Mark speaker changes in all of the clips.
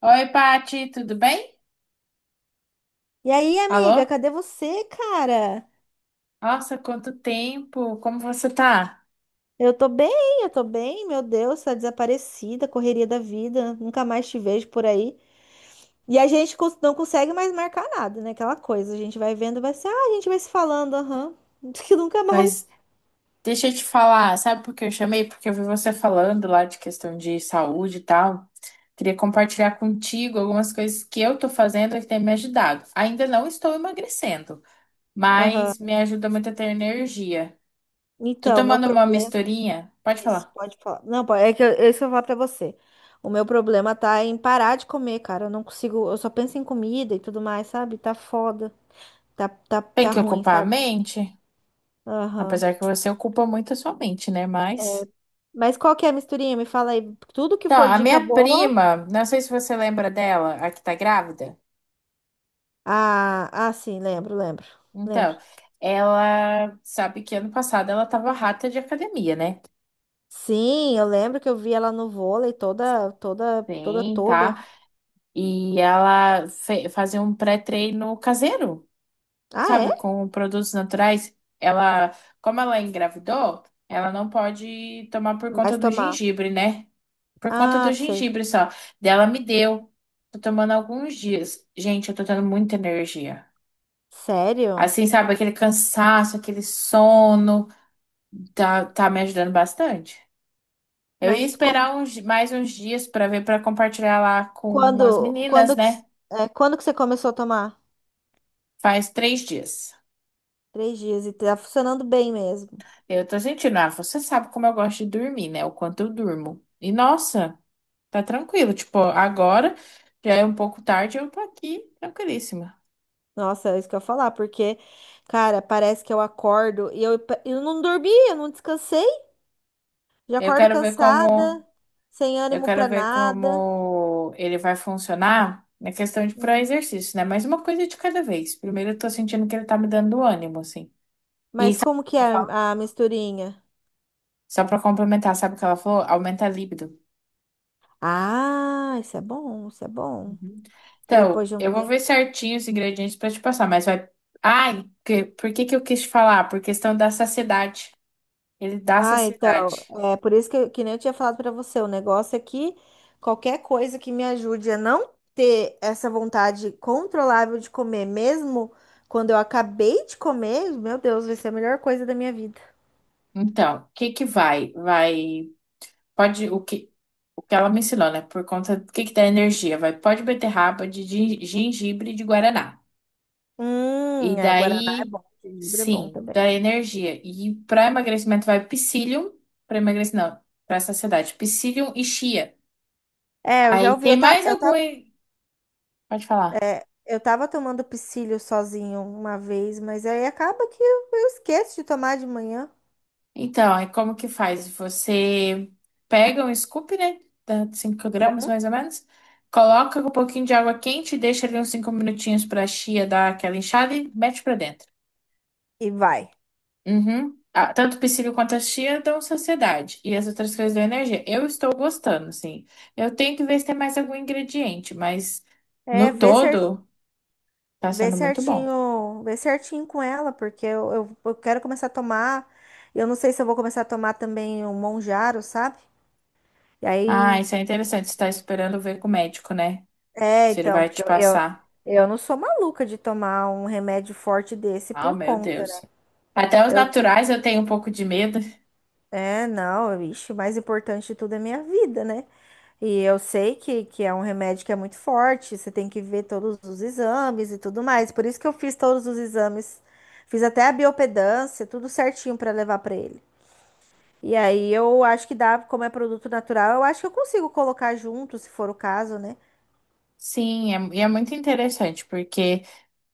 Speaker 1: Oi, Pati, tudo bem?
Speaker 2: E aí, amiga,
Speaker 1: Alô?
Speaker 2: cadê você, cara?
Speaker 1: Nossa, quanto tempo! Como você tá?
Speaker 2: Eu tô bem, eu tô bem, meu Deus, tá desaparecida, correria da vida, nunca mais te vejo por aí. E a gente não consegue mais marcar nada, né? Aquela coisa, a gente vai vendo, vai ser, a gente vai se falando, aham, que nunca
Speaker 1: Mas
Speaker 2: mais.
Speaker 1: deixa eu te falar, sabe por que eu chamei? Porque eu vi você falando lá de questão de saúde e tal. Queria compartilhar contigo algumas coisas que eu tô fazendo e que tem me ajudado. Ainda não estou emagrecendo,
Speaker 2: Aham.
Speaker 1: mas me ajuda muito a ter energia. Tô
Speaker 2: Então, meu
Speaker 1: tomando uma
Speaker 2: problema
Speaker 1: misturinha. Pode
Speaker 2: é esse,
Speaker 1: falar.
Speaker 2: pode falar. Não, pode, é que eu, é isso eu vou falar pra você. O meu problema tá em parar de comer, cara. Eu não consigo, eu só penso em comida e tudo mais, sabe? Tá foda, tá, tá,
Speaker 1: Tem
Speaker 2: tá
Speaker 1: que
Speaker 2: ruim,
Speaker 1: ocupar a
Speaker 2: sabe?
Speaker 1: mente,
Speaker 2: Aham.
Speaker 1: apesar que você ocupa muito a sua mente, né? Mas.
Speaker 2: Mas qual que é a misturinha? Me fala aí. Tudo que
Speaker 1: Então,
Speaker 2: for
Speaker 1: a
Speaker 2: dica
Speaker 1: minha
Speaker 2: boa.
Speaker 1: prima, não sei se você lembra dela, a que tá grávida.
Speaker 2: Ah, sim, lembro, lembro, lembro.
Speaker 1: Então, ela sabe que ano passado ela tava rata de academia, né?
Speaker 2: Sim, eu lembro que eu vi ela no vôlei toda, toda, toda,
Speaker 1: Sim,
Speaker 2: toda.
Speaker 1: tá? E ela fazia um pré-treino caseiro,
Speaker 2: Ah,
Speaker 1: sabe?
Speaker 2: é?
Speaker 1: Com produtos naturais. Ela, como ela engravidou, ela não pode tomar por conta
Speaker 2: Mas
Speaker 1: do
Speaker 2: tomar.
Speaker 1: gengibre, né? Por conta do
Speaker 2: Ah, sei.
Speaker 1: gengibre só. Dela me deu. Tô tomando há alguns dias. Gente, eu tô tendo muita energia.
Speaker 2: Sério?
Speaker 1: Assim, sabe, aquele cansaço, aquele sono, tá me ajudando bastante. Eu ia
Speaker 2: Mas como,
Speaker 1: esperar uns, mais uns dias para ver, para compartilhar lá com as
Speaker 2: quando,
Speaker 1: meninas,
Speaker 2: quando que,
Speaker 1: né?
Speaker 2: s- é, quando que você começou a tomar?
Speaker 1: Faz 3 dias.
Speaker 2: Três dias e tá funcionando bem mesmo.
Speaker 1: Eu tô sentindo, ah, você sabe como eu gosto de dormir, né? O quanto eu durmo. E nossa, tá tranquilo. Tipo, agora já é um pouco tarde, eu tô aqui tranquilíssima.
Speaker 2: Nossa, é isso que eu ia falar, porque, cara, parece que eu acordo e eu não dormi, eu não descansei. Já
Speaker 1: Eu
Speaker 2: acordo
Speaker 1: quero ver como.
Speaker 2: cansada, sem
Speaker 1: Eu
Speaker 2: ânimo
Speaker 1: quero
Speaker 2: pra
Speaker 1: ver
Speaker 2: nada.
Speaker 1: como ele vai funcionar na questão de para
Speaker 2: Hum.
Speaker 1: exercício, né? Mas uma coisa de cada vez. Primeiro, eu tô sentindo que ele tá me dando ânimo, assim. E aí,
Speaker 2: Mas
Speaker 1: sabe o que
Speaker 2: como que é
Speaker 1: ela falou?
Speaker 2: a misturinha?
Speaker 1: Só pra complementar, sabe o que ela falou? Aumenta a libido.
Speaker 2: Ah, isso é bom, isso é bom.
Speaker 1: Uhum.
Speaker 2: Que
Speaker 1: Então,
Speaker 2: depois de um
Speaker 1: eu vou ver
Speaker 2: tempo.
Speaker 1: certinho os ingredientes pra te passar, mas vai. Ai, por que que eu quis te falar? Por questão da saciedade. Ele dá
Speaker 2: Ah, então,
Speaker 1: saciedade.
Speaker 2: é por isso que nem eu tinha falado pra você, o negócio é que qualquer coisa que me ajude a não ter essa vontade controlável de comer, mesmo quando eu acabei de comer, meu Deus, vai ser a melhor coisa da minha vida.
Speaker 1: Então, o que que vai? Vai. Pode. O que ela me ensinou, né? Por conta do que dá energia. Vai pó de beterraba, de gengibre e de guaraná. E
Speaker 2: É, Guaraná é
Speaker 1: daí,
Speaker 2: bom, gengibre é bom
Speaker 1: sim,
Speaker 2: também.
Speaker 1: dá energia. E para emagrecimento vai psyllium, para emagrecimento, não, para saciedade, psyllium e chia.
Speaker 2: É, eu já
Speaker 1: Aí
Speaker 2: ouvi,
Speaker 1: tem
Speaker 2: eu, ta,
Speaker 1: mais
Speaker 2: eu
Speaker 1: algum,
Speaker 2: tava
Speaker 1: pode falar.
Speaker 2: É, eu tava tomando psyllium sozinho uma vez, mas aí acaba que eu esqueço de tomar de manhã
Speaker 1: Então, aí como que faz? Você pega um scoop, né? Dá 5 gramas mais ou menos. Coloca com um pouquinho de água quente, e deixa ali uns 5 minutinhos para a chia dar aquela inchada e mete para dentro.
Speaker 2: e vai.
Speaker 1: Uhum. Ah, tanto o psíquico quanto a chia dão saciedade. E as outras coisas dão energia. Eu estou gostando, assim. Eu tenho que ver se tem mais algum ingrediente, mas
Speaker 2: É,
Speaker 1: no todo tá sendo muito bom.
Speaker 2: vê certinho com ela, porque eu quero começar a tomar. Eu não sei se eu vou começar a tomar também o Monjaro, sabe? E
Speaker 1: Ah,
Speaker 2: aí,
Speaker 1: isso é interessante. Você tá esperando ver com o médico, né?
Speaker 2: é,
Speaker 1: Se ele
Speaker 2: então,
Speaker 1: vai te
Speaker 2: porque eu, eu,
Speaker 1: passar.
Speaker 2: eu não sou maluca de tomar um remédio forte desse
Speaker 1: Ah,
Speaker 2: por
Speaker 1: meu
Speaker 2: conta, né?
Speaker 1: Deus. Até os
Speaker 2: Eu,
Speaker 1: naturais eu tenho um pouco de medo.
Speaker 2: não, vixe, o mais importante de tudo é minha vida, né? E eu sei que é um remédio que é muito forte, você tem que ver todos os exames e tudo mais. Por isso que eu fiz todos os exames, fiz até a biopedância, tudo certinho para levar para ele. E aí eu acho que dá, como é produto natural, eu acho que eu consigo colocar junto, se for o caso, né?
Speaker 1: Sim, é, muito interessante, porque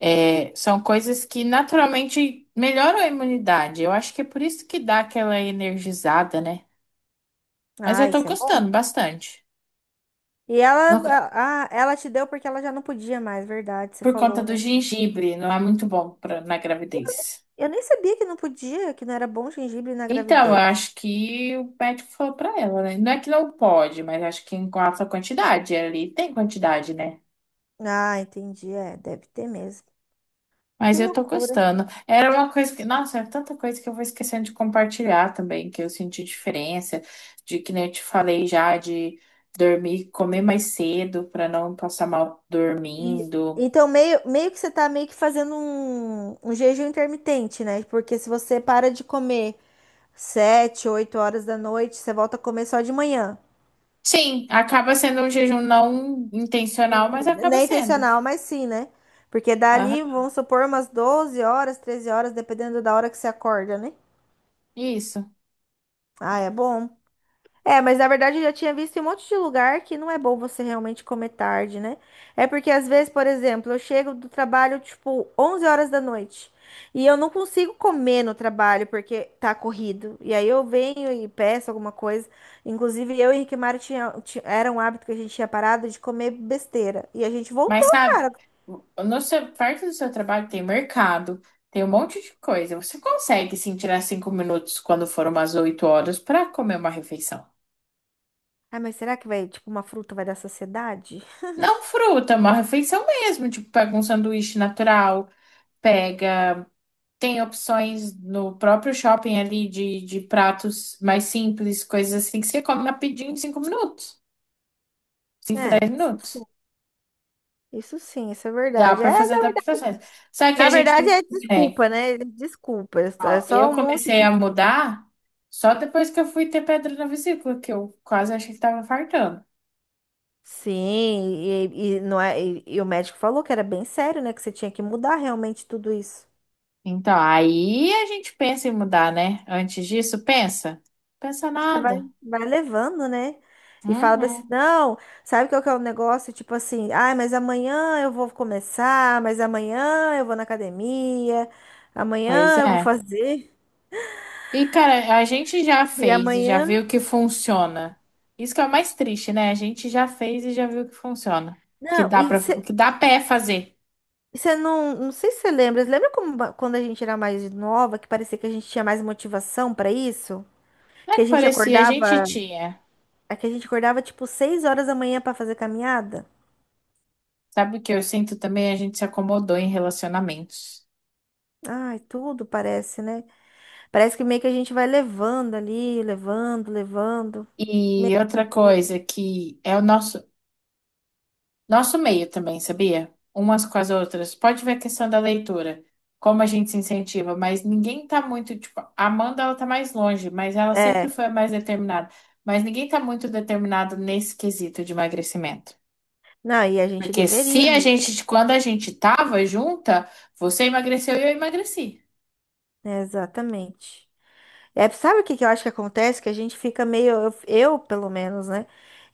Speaker 1: é, são coisas que naturalmente melhoram a imunidade. Eu acho que é por isso que dá aquela energizada, né? Mas
Speaker 2: Ah,
Speaker 1: eu tô
Speaker 2: isso é bom.
Speaker 1: gostando bastante.
Speaker 2: E
Speaker 1: No
Speaker 2: ela,
Speaker 1: ca-
Speaker 2: ah, ela te deu porque ela já não podia mais, verdade, você
Speaker 1: por conta
Speaker 2: falou,
Speaker 1: do
Speaker 2: né?
Speaker 1: gengibre, não é muito bom pra, na
Speaker 2: Eu nem
Speaker 1: gravidez.
Speaker 2: eu nem sabia que não podia, que não era bom gengibre na
Speaker 1: Então, eu
Speaker 2: gravidez.
Speaker 1: acho que o médico falou pra ela, né? Não é que não pode, mas acho que em alta quantidade. Ali tem quantidade, né?
Speaker 2: Ah, entendi, é, deve ter mesmo. Que
Speaker 1: Mas eu tô
Speaker 2: loucura.
Speaker 1: gostando. Era uma coisa que. Nossa, é tanta coisa que eu vou esquecendo de compartilhar também, que eu senti diferença, de que nem eu te falei já, de dormir, comer mais cedo pra não passar mal
Speaker 2: E,
Speaker 1: dormindo.
Speaker 2: então, meio que você tá meio que fazendo um jejum intermitente, né? Porque se você para de comer 7, 8 horas da noite, você volta a comer só de manhã.
Speaker 1: Sim, acaba sendo um jejum não intencional, mas
Speaker 2: Não
Speaker 1: acaba
Speaker 2: é
Speaker 1: sendo.
Speaker 2: intencional, mas sim, né? Porque
Speaker 1: Aham,
Speaker 2: dali, vamos supor, umas 12 horas, 13 horas, dependendo da hora que você acorda, né?
Speaker 1: isso.
Speaker 2: Ah, é bom. É, mas na verdade eu já tinha visto em um monte de lugar que não é bom você realmente comer tarde, né? É porque às vezes, por exemplo, eu chego do trabalho tipo 11 horas da noite e eu não consigo comer no trabalho porque tá corrido. E aí eu venho e peço alguma coisa. Inclusive, eu e Henrique Mário era um hábito que a gente tinha parado de comer besteira. E a gente
Speaker 1: Mas
Speaker 2: voltou,
Speaker 1: sabe,
Speaker 2: cara.
Speaker 1: no seu, perto do seu trabalho tem mercado, tem um monte de coisa. Você consegue sim tirar 5 minutos quando foram umas 8 horas para comer uma refeição.
Speaker 2: Ah, mas será que vai, tipo, uma fruta vai dar saciedade?
Speaker 1: Não fruta, uma refeição mesmo. Tipo, pega um sanduíche natural, pega. Tem opções no próprio shopping ali de pratos mais simples, coisas assim que você come rapidinho em 5 minutos. Cinco
Speaker 2: É,
Speaker 1: dez
Speaker 2: isso sim.
Speaker 1: minutos.
Speaker 2: Isso sim, isso é
Speaker 1: Dá
Speaker 2: verdade. É,
Speaker 1: para fazer adaptações. Só que a
Speaker 2: na
Speaker 1: gente,
Speaker 2: verdade, é
Speaker 1: né?
Speaker 2: desculpa, né? Desculpas, é
Speaker 1: Ó,
Speaker 2: só
Speaker 1: eu
Speaker 2: um monte
Speaker 1: comecei
Speaker 2: de
Speaker 1: a
Speaker 2: desculpa.
Speaker 1: mudar só depois que eu fui ter pedra na vesícula, que eu quase achei que tava infartando.
Speaker 2: Sim, e não é, e o médico falou que era bem sério, né? Que você tinha que mudar realmente tudo isso.
Speaker 1: Então, aí a gente pensa em mudar, né? Antes disso, pensa? Pensa
Speaker 2: Você vai,
Speaker 1: nada.
Speaker 2: vai levando, né? E fala assim,
Speaker 1: Uhum.
Speaker 2: não, sabe qual que é o negócio? Tipo assim, ai, mas amanhã eu vou começar, mas amanhã eu vou na academia,
Speaker 1: Pois
Speaker 2: amanhã eu vou
Speaker 1: é.
Speaker 2: fazer,
Speaker 1: E, cara, a gente já
Speaker 2: e
Speaker 1: fez e já
Speaker 2: amanhã.
Speaker 1: viu que funciona. Isso que é o mais triste, né? A gente já fez e já viu que funciona. Que
Speaker 2: Não,
Speaker 1: dá para, que dá pé fazer.
Speaker 2: você não, não sei se você lembra, você lembra como quando a gente era mais nova, que parecia que a gente tinha mais motivação pra isso?
Speaker 1: Não é
Speaker 2: Que a
Speaker 1: que
Speaker 2: gente
Speaker 1: parecia, a gente
Speaker 2: acordava,
Speaker 1: tinha.
Speaker 2: é que a gente acordava tipo 6 horas da manhã pra fazer caminhada?
Speaker 1: Sabe o que eu sinto também? A gente se acomodou em relacionamentos.
Speaker 2: Ai, tudo parece, né? Parece que meio que a gente vai levando ali, levando, levando,
Speaker 1: E
Speaker 2: meio que
Speaker 1: outra
Speaker 2: tudo.
Speaker 1: coisa que é o nosso meio também, sabia? Umas com as outras. Pode ver a questão da leitura, como a gente se incentiva, mas ninguém tá muito, tipo, a Amanda, ela tá mais longe, mas ela sempre
Speaker 2: É,
Speaker 1: foi a mais determinada. Mas ninguém tá muito determinado nesse quesito de emagrecimento.
Speaker 2: não, e a gente
Speaker 1: Porque
Speaker 2: deveria,
Speaker 1: se a
Speaker 2: né?
Speaker 1: gente, quando a gente tava junta, você emagreceu e eu emagreci.
Speaker 2: Exatamente. É, sabe o que que eu acho que acontece? Que a gente fica meio, eu, pelo menos, né?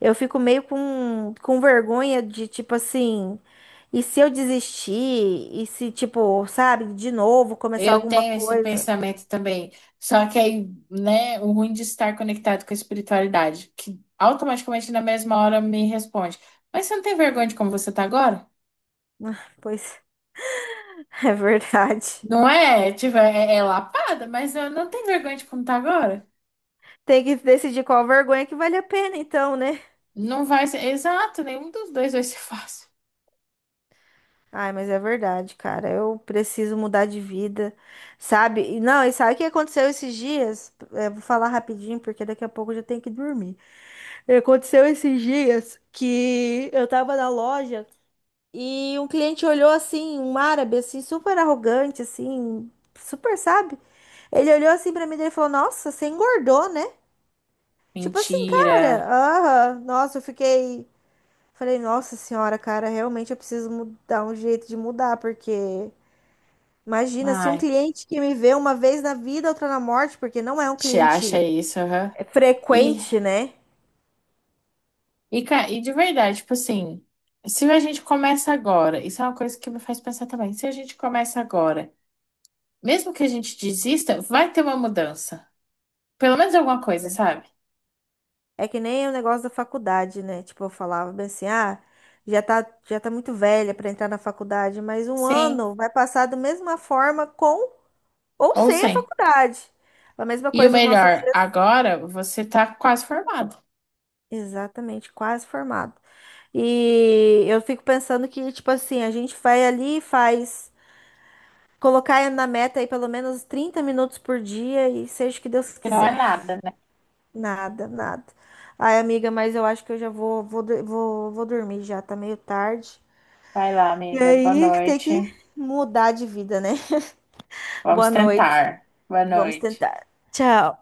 Speaker 2: Eu fico meio com vergonha de tipo assim, e se eu desistir? E se, tipo, sabe, de novo começar
Speaker 1: Eu
Speaker 2: alguma
Speaker 1: tenho esse
Speaker 2: coisa?
Speaker 1: pensamento também. Só que aí, né, o ruim de estar conectado com a espiritualidade, que automaticamente na mesma hora me responde: Mas você não tem vergonha de como você tá agora?
Speaker 2: Ah, pois é verdade.
Speaker 1: Não é, tipo, é lapada, mas eu não tenho vergonha de como tá agora.
Speaker 2: Tem que decidir qual vergonha que vale a pena, então, né?
Speaker 1: Não vai ser, exato, nenhum dos dois vai ser fácil.
Speaker 2: Ai, mas é verdade, cara. Eu preciso mudar de vida, sabe? E não, e sabe o que aconteceu esses dias? É, vou falar rapidinho, porque daqui a pouco eu já tenho que dormir. Aconteceu esses dias que eu tava na loja e um cliente olhou assim, um árabe assim, super arrogante assim, super, sabe? Ele olhou assim pra mim e falou: "Nossa, você engordou, né?" Tipo assim, cara,
Speaker 1: Mentira.
Speaker 2: aham, nossa, eu fiquei, falei: "Nossa senhora, cara, realmente eu preciso dar um jeito de mudar, porque imagina se um
Speaker 1: Ai,
Speaker 2: cliente que me vê uma vez na vida, outra na morte, porque não é um
Speaker 1: te acha
Speaker 2: cliente
Speaker 1: isso, aham.
Speaker 2: é
Speaker 1: E,
Speaker 2: frequente, né?"
Speaker 1: e de verdade, tipo assim, se a gente começa agora, isso é uma coisa que me faz pensar também, se a gente começa agora. Mesmo que a gente desista, vai ter uma mudança. Pelo menos alguma coisa, sabe?
Speaker 2: É que nem o negócio da faculdade, né? Tipo, eu falava bem assim, já tá muito velha para entrar na faculdade, mas um
Speaker 1: Sim
Speaker 2: ano vai passar da mesma forma com ou
Speaker 1: ou
Speaker 2: sem a
Speaker 1: sem.
Speaker 2: faculdade. A mesma
Speaker 1: E o
Speaker 2: coisa nos nossos
Speaker 1: melhor,
Speaker 2: dias.
Speaker 1: agora você tá quase formado.
Speaker 2: Exatamente, quase formado. E eu fico pensando que, tipo assim, a gente vai ali e faz, colocar na meta aí pelo menos 30 minutos por dia e seja o que Deus
Speaker 1: Que não é
Speaker 2: quiser.
Speaker 1: nada, né?
Speaker 2: Nada, nada. Ai, amiga, mas eu acho que eu já vou dormir já, tá meio tarde.
Speaker 1: Vai lá,
Speaker 2: E
Speaker 1: amiga. Boa
Speaker 2: aí, tem
Speaker 1: noite.
Speaker 2: que mudar de vida, né?
Speaker 1: Vamos
Speaker 2: Boa noite.
Speaker 1: tentar. Boa
Speaker 2: Vamos
Speaker 1: noite.
Speaker 2: tentar. Tchau.